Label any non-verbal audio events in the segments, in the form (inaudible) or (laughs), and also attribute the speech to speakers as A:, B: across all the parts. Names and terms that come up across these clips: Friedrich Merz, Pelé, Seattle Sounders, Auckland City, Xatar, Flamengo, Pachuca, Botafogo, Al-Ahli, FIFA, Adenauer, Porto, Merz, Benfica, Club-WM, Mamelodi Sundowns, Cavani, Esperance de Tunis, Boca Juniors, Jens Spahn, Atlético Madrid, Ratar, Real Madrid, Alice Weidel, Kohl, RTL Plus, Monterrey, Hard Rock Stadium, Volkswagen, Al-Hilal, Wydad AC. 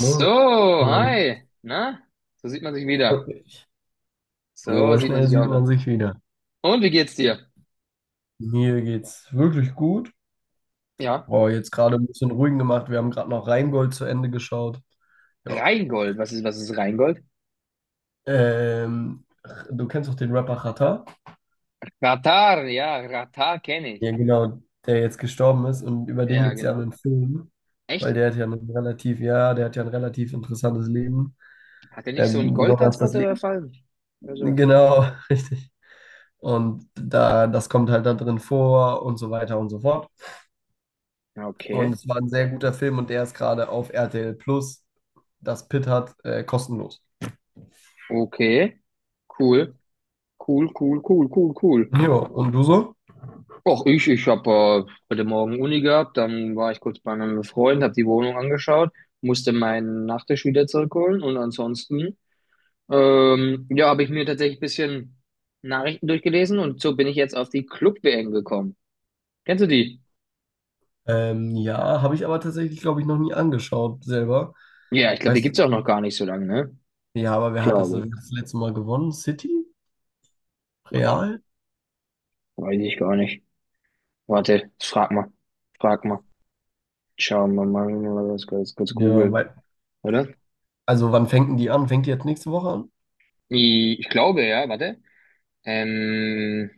A: Moin, moin.
B: hi. Na, so sieht man sich
A: Freut
B: wieder.
A: mich.
B: So
A: So
B: sieht man
A: schnell
B: sich
A: sieht
B: auch
A: man
B: da.
A: sich wieder.
B: Und wie geht's dir?
A: Mir geht's wirklich gut.
B: Ja,
A: Oh, jetzt gerade ein bisschen ruhig gemacht. Wir haben gerade noch Rheingold zu Ende geschaut. Ja.
B: Rheingold. Was ist Rheingold?
A: Ähm, Du kennst doch den Rapper Xatar?
B: Ratar, ja, Ratar kenne ich.
A: Ja, genau, der jetzt gestorben ist, und über den
B: Ja,
A: gibt es ja
B: genau.
A: einen Film, weil
B: Echt?
A: der hat ja ein relativ, ja, der hat ja ein relativ interessantes Leben.
B: Hat er nicht so einen
A: Besonders das
B: Goldtransporter
A: Leben.
B: überfallen? Oder sowas?
A: Genau, (laughs) richtig. Und da, das kommt halt da drin vor und so weiter und so fort.
B: Ja,
A: Und
B: okay,
A: es war ein sehr guter Film, und der ist gerade auf RTL Plus, das Pit hat, kostenlos.
B: okay. Cool, cool, cool, cool, cool, cool.
A: Ja, und du so?
B: Och, ich habe heute Morgen Uni gehabt, dann war ich kurz bei einem Freund, habe die Wohnung angeschaut, musste meinen Nachtisch wieder zurückholen und ansonsten. Ja, habe ich mir tatsächlich ein bisschen Nachrichten durchgelesen und so bin ich jetzt auf die Club-WM gekommen. Kennst du die?
A: Ja, habe ich aber tatsächlich, glaube ich, noch nie angeschaut selber.
B: Ja, ich glaube, die
A: Weißt
B: gibt's
A: du,
B: auch noch gar nicht so lange, ne?
A: ja, aber
B: Glaube
A: wer
B: ich.
A: hat das letzte Mal gewonnen? City?
B: Boah,
A: Real?
B: weiß ich gar nicht. Warte, frag mal. Frag mal. Schauen wir mal, lass kurz
A: Ja,
B: googeln,
A: weil,
B: oder?
A: also wann fängt denn die an? Fängt die jetzt nächste Woche an?
B: Ich glaube, ja, warte. Ähm,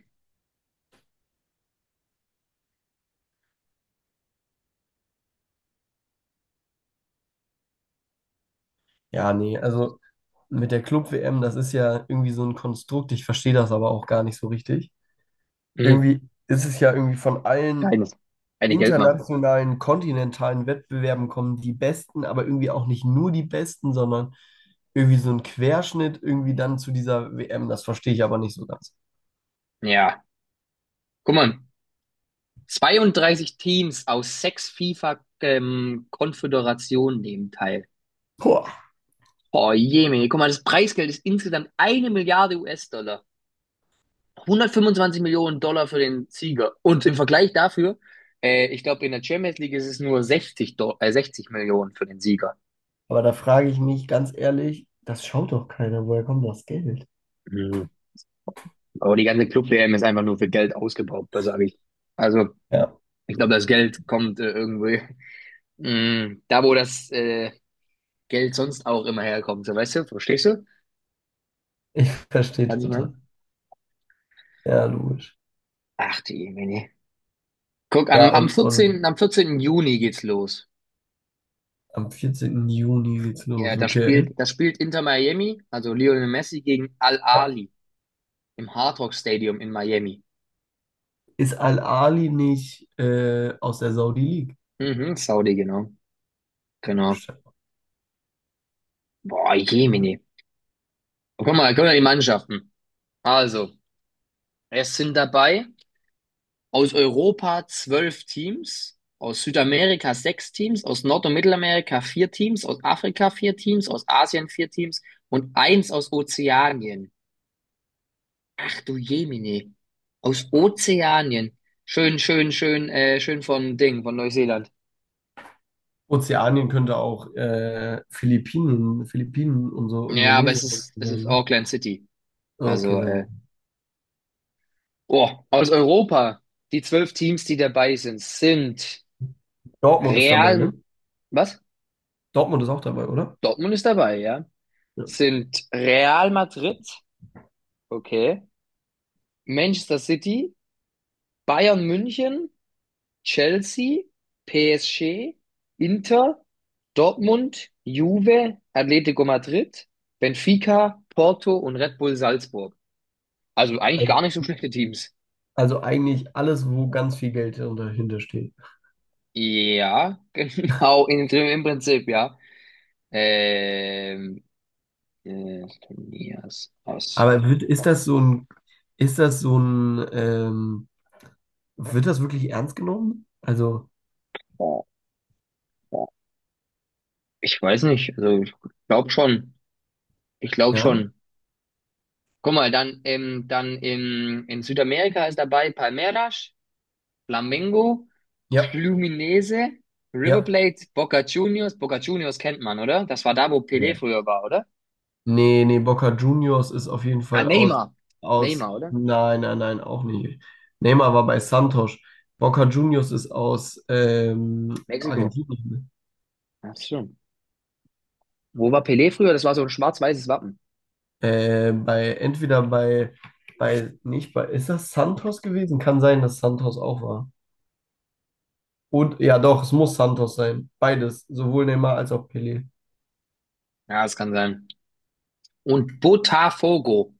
A: Ja, nee, also mit der Club-WM, das ist ja irgendwie so ein Konstrukt, ich verstehe das aber auch gar nicht so richtig.
B: hm,
A: Irgendwie ist es ja irgendwie von allen
B: eines. Eine Geldmache.
A: internationalen, kontinentalen Wettbewerben, kommen die Besten, aber irgendwie auch nicht nur die Besten, sondern irgendwie so ein Querschnitt irgendwie dann zu dieser WM. Das verstehe ich aber nicht so ganz.
B: Ja, guck mal. 32 Teams aus sechs FIFA, Konföderationen nehmen teil.
A: Boah,
B: Oh je, Mann. Guck mal, das Preisgeld ist insgesamt eine Milliarde US-Dollar. 125 Millionen Dollar für den Sieger. Und im Vergleich dafür, ich glaube, in der Champions League ist es nur 60 Millionen für den Sieger.
A: aber da frage ich mich ganz ehrlich, das schaut doch keiner, woher kommt das Geld?
B: Mhm. Aber die ganze Club-WM ist einfach nur für Geld ausgebaut, das sage ich. Also,
A: Ja,
B: ich glaube, das Geld kommt irgendwie da, wo das Geld sonst auch immer herkommt. So, weißt du, verstehst du,
A: ich verstehe
B: was ich meine?
A: total. Ja, logisch.
B: Ach, die Jemine. Guck, am,
A: Ja,
B: am 14.,
A: und
B: am 14. Juni geht's los.
A: am 14. Juni geht's
B: Ja,
A: los,
B: das
A: okay.
B: spielt, das spielt Inter Miami, also Lionel Messi gegen
A: Ja.
B: Al-Ahli im Hard Rock Stadium in Miami.
A: Ist Al-Ali nicht aus der Saudi League?
B: Mhm, Saudi, genau. Genau. Boah, Jemine. Guck mal die Mannschaften. Also, es sind dabei aus Europa 12 Teams, aus Südamerika sechs Teams, aus Nord- und Mittelamerika vier Teams, aus Afrika vier Teams, aus Asien vier Teams und eins aus Ozeanien. Ach du Jemine. Aus Ozeanien. Schön, schön, schön, schön von Ding, von Neuseeland.
A: Ozeanien könnte auch Philippinen, Philippinen und so
B: Ja, aber
A: Indonesien
B: es ist,
A: sein,
B: es ist
A: ne?
B: Auckland City.
A: Ah, okay,
B: Also,
A: ne.
B: oh, aus Europa, die 12 Teams, die dabei sind, sind
A: Dortmund ist dabei,
B: Real,
A: ne?
B: was?
A: Dortmund ist auch dabei, oder?
B: Dortmund ist dabei, ja.
A: Ja.
B: Sind Real Madrid, okay. Manchester City, Bayern München, Chelsea, PSG, Inter, Dortmund, Juve, Atlético Madrid, Benfica, Porto und Red Bull Salzburg. Also eigentlich
A: Also,
B: gar nicht so schlechte Teams.
A: also eigentlich alles, wo ganz viel Geld dahinter steht.
B: Ja, (laughs) genau, im Prinzip, ja. Ähm, Turniers aus.
A: Ist das so ein, ist das so ein, wird das wirklich ernst genommen? Also,
B: Boah, boah. Ich weiß nicht, also ich glaube schon. Ich glaube
A: ja,
B: schon. Guck mal, dann, dann in Südamerika ist dabei Palmeiras, Flamengo,
A: ja,
B: Fluminense, River
A: ja.
B: Plate, Boca Juniors. Boca Juniors kennt man, oder? Das war da, wo Pelé früher war, oder?
A: Nee, nee, Boca Juniors ist auf jeden
B: Ah,
A: Fall aus,
B: Neymar.
A: aus,
B: Neymar, oder?
A: nein, nein, nein, auch nicht. Neymar war bei Santos. Boca Juniors ist aus
B: Mexiko.
A: Argentinien.
B: Ach so. Wo war Pelé früher? Das war so ein schwarz-weißes Wappen.
A: Bei, entweder bei, bei, nicht bei, ist das Santos gewesen? Kann sein, dass Santos auch war. Und, ja doch, es muss Santos sein. Beides, sowohl Neymar als auch Pelé.
B: Ja, das kann sein. Und Botafogo.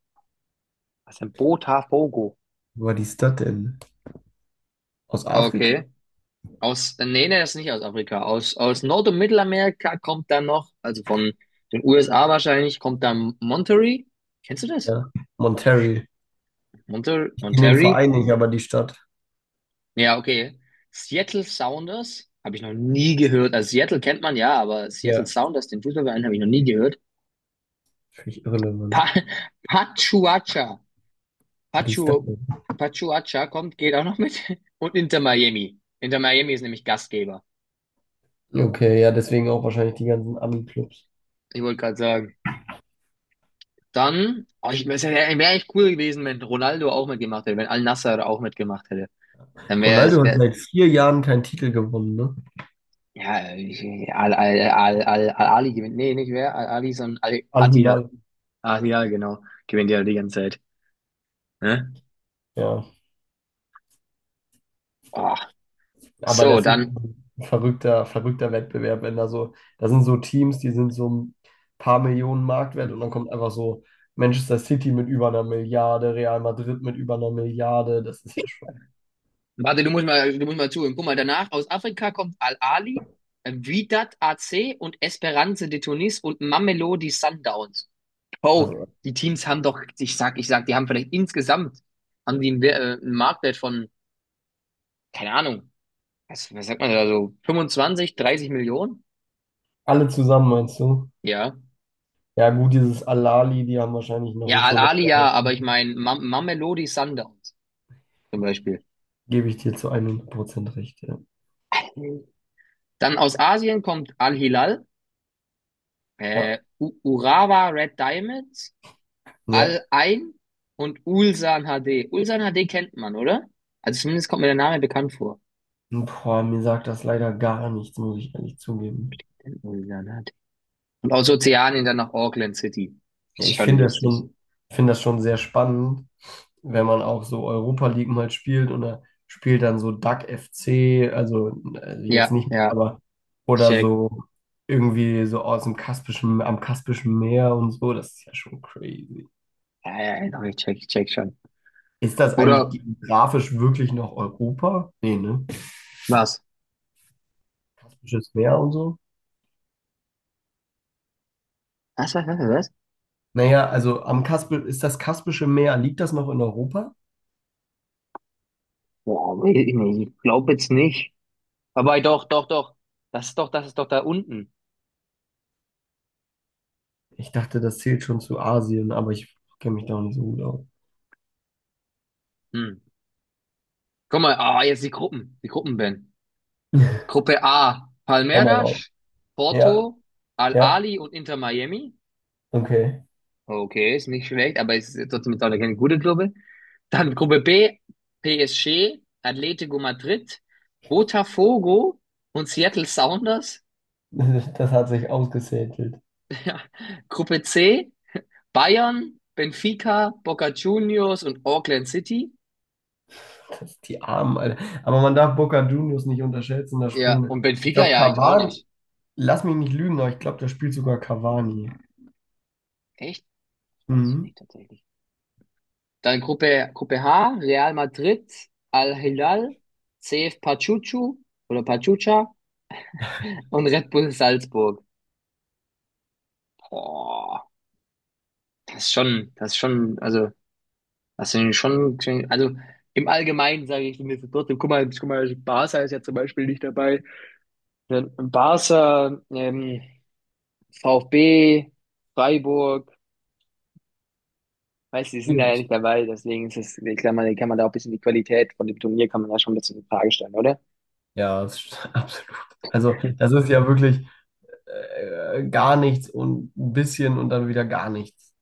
B: Was denn Botafogo?
A: Wo war die Stadt denn? Aus Afrika?
B: Okay. Nee, nee, das ist nicht aus Afrika. Aus Nord- und Mittelamerika kommt dann noch, also von den USA wahrscheinlich, kommt dann Monterrey. Kennst du das?
A: Ja, Monterrey. Ich kenne den
B: Monterrey?
A: Verein nicht, aber die Stadt.
B: Ja, okay. Seattle Sounders habe ich noch nie gehört. Also Seattle kennt man ja, aber Seattle
A: Ja,
B: Sounders, den Fußballverein, habe ich noch nie gehört.
A: völlig irrelevant.
B: Pa Pachuacha.
A: Ja, die Stadt.
B: Pachu Pachuacha kommt, geht auch noch mit. (laughs) Und Inter Miami. Inter Miami ist nämlich Gastgeber.
A: Okay, ja, deswegen auch wahrscheinlich die ganzen Ami-Clubs.
B: Ich wollte gerade sagen, dann, oh, es wär echt cool gewesen, wenn Ronaldo auch mitgemacht hätte, wenn Al-Nassr auch mitgemacht hätte. Dann wäre
A: Ronaldo
B: es,
A: hat seit vier Jahren keinen Titel gewonnen, ne?
B: ja, Al-Ali gewinnt. Nee, nicht wer, Al-Ali, sondern Al-Attihad.
A: Al-Hilal.
B: Ah, ja, genau. Gewinnt ja die ganze Zeit. Ne?
A: Ja,
B: Oh.
A: aber
B: So,
A: das ist
B: dann,
A: schon ein verrückter, verrückter Wettbewerb, wenn da so, da sind so Teams, die sind so ein paar Millionen Marktwert und dann kommt einfach so Manchester City mit über einer Milliarde, Real Madrid mit über einer Milliarde, das ist ja schon,
B: warte, du musst mal zuhören. Guck mal, danach aus Afrika kommt Al-Ali, Wydad AC und Esperance de Tunis und Mamelodi Sundowns. Bro,
A: also
B: die Teams haben doch, ich sag, die haben vielleicht insgesamt, haben die einen, einen Marktwert von, keine Ahnung, was sagt man da so, 25, 30 Millionen?
A: alle zusammen, meinst du?
B: Ja.
A: Ja, gut, dieses Al-Ahly, die haben wahrscheinlich noch
B: Ja,
A: so
B: Al-Ahli
A: Leute,
B: ja, aber ich meine, Mamelodi Sundowns zum Beispiel.
A: gebe ich dir zu 100% recht, ja.
B: Dann aus Asien kommt Al-Hilal,
A: Ja,
B: Urawa Red Diamonds,
A: ja.
B: Al-Ain und Ulsan HD. Ulsan HD kennt man, oder? Also zumindest kommt mir der Name bekannt vor.
A: Boah, mir sagt das leider gar nichts, muss ich ehrlich zugeben.
B: Ulsan Und aus Ozeanien dann nach Auckland City.
A: Ja,
B: Ist
A: ich
B: schon
A: finde das
B: lustig.
A: schon, ich finde das schon sehr spannend, wenn man auch so Europa League mal spielt und da spielt dann so DAC FC, also jetzt
B: Ja,
A: nicht,
B: ja,
A: aber
B: ich
A: oder
B: check.
A: so irgendwie so aus dem Kaspischen, am Kaspischen Meer und so, das ist ja schon crazy.
B: Ja, ja, ja, doch, ich check schon.
A: Ist das eigentlich
B: Oder
A: geografisch wirklich noch Europa? Nee, ne?
B: was?
A: Kaspisches Meer und so.
B: Was, was, was, was?
A: Naja, also am Kaspi ist das Kaspische Meer, liegt das noch in Europa?
B: Boah, ich glaube jetzt nicht. Aber doch, doch, doch. Das ist doch da unten.
A: Ich dachte, das zählt schon zu Asien, aber ich kenne mich da auch nicht so gut aus.
B: Hm. Guck mal, ah, jetzt die Gruppen, Ben.
A: (laughs)
B: Gruppe A,
A: Hau mal raus.
B: Palmeiras,
A: Ja,
B: Porto,
A: ja,
B: Al-Ahli und Inter Miami.
A: okay.
B: Okay, ist nicht schlecht, aber es ist trotzdem jetzt auch keine gute Gruppe. Dann Gruppe B, PSG, Atlético Madrid, Botafogo und Seattle Sounders.
A: (laughs) Das hat sich ausgesätelt.
B: Gruppe C, Bayern, Benfica, Boca Juniors und Auckland City.
A: Das, die Armen, Alter. Aber man darf Boca Juniors nicht unterschätzen, das
B: Ja,
A: Spiel.
B: und
A: Ich
B: Benfica
A: glaube,
B: ja eigentlich auch
A: Cavani,
B: nicht.
A: lass mich nicht lügen, aber ich glaube, da spielt sogar Cavani.
B: Echt? Weiß ich
A: Mhm.
B: nicht tatsächlich. Dann Gruppe H, Real Madrid, Al Hilal, CF Pachuchu oder Pachuca und Red Bull Salzburg. Boah. Das ist schon, also, das sind schon, also im Allgemeinen sage ich mir trotzdem, guck mal, Barca ist ja zum Beispiel nicht dabei. Dann Barca, VfB, Freiburg, weißt du, die sind da ja
A: Yes.
B: nicht dabei, deswegen ist es, ich glaube, man kann man da auch ein bisschen die Qualität von dem Turnier kann man da schon ein bisschen in Frage stellen, oder?
A: Ja, das ist (laughs) absolut. Also, das ist ja wirklich gar nichts und ein bisschen und dann wieder gar nichts.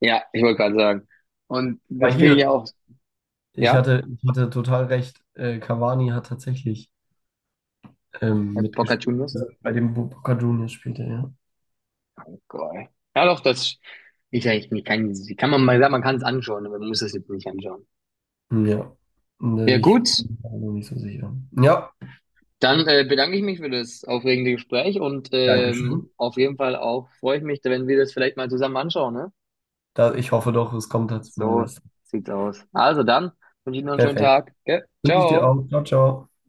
B: Ja, ich wollte gerade sagen. Und da
A: Weil
B: fehlen ja
A: hier,
B: auch,
A: ich
B: ja,
A: hatte, ich hatte total recht, Cavani hat tatsächlich
B: Herr Boca
A: mitgespielt.
B: Juniors.
A: Also bei dem Boca Juniors spielt er, ja.
B: Geil. Ja, doch, das, ich, ich ich kann, kann man mal sagen, man kann es anschauen, aber man muss es jetzt nicht anschauen.
A: Ja,
B: Ja,
A: ne, ich
B: gut.
A: bin mir noch nicht so sicher. Ja,
B: Dann bedanke ich mich für das aufregende Gespräch und
A: danke schön.
B: auf jeden Fall auch freue ich mich, wenn wir das vielleicht mal zusammen anschauen, ne?
A: Da, ich hoffe doch, es kommt dazu mein
B: So
A: Bestes.
B: sieht's aus. Also dann, wünsche ich noch einen schönen
A: Perfekt.
B: Tag. Gell?
A: Wünsche ich dir
B: Ciao.
A: auch. Ciao, ciao.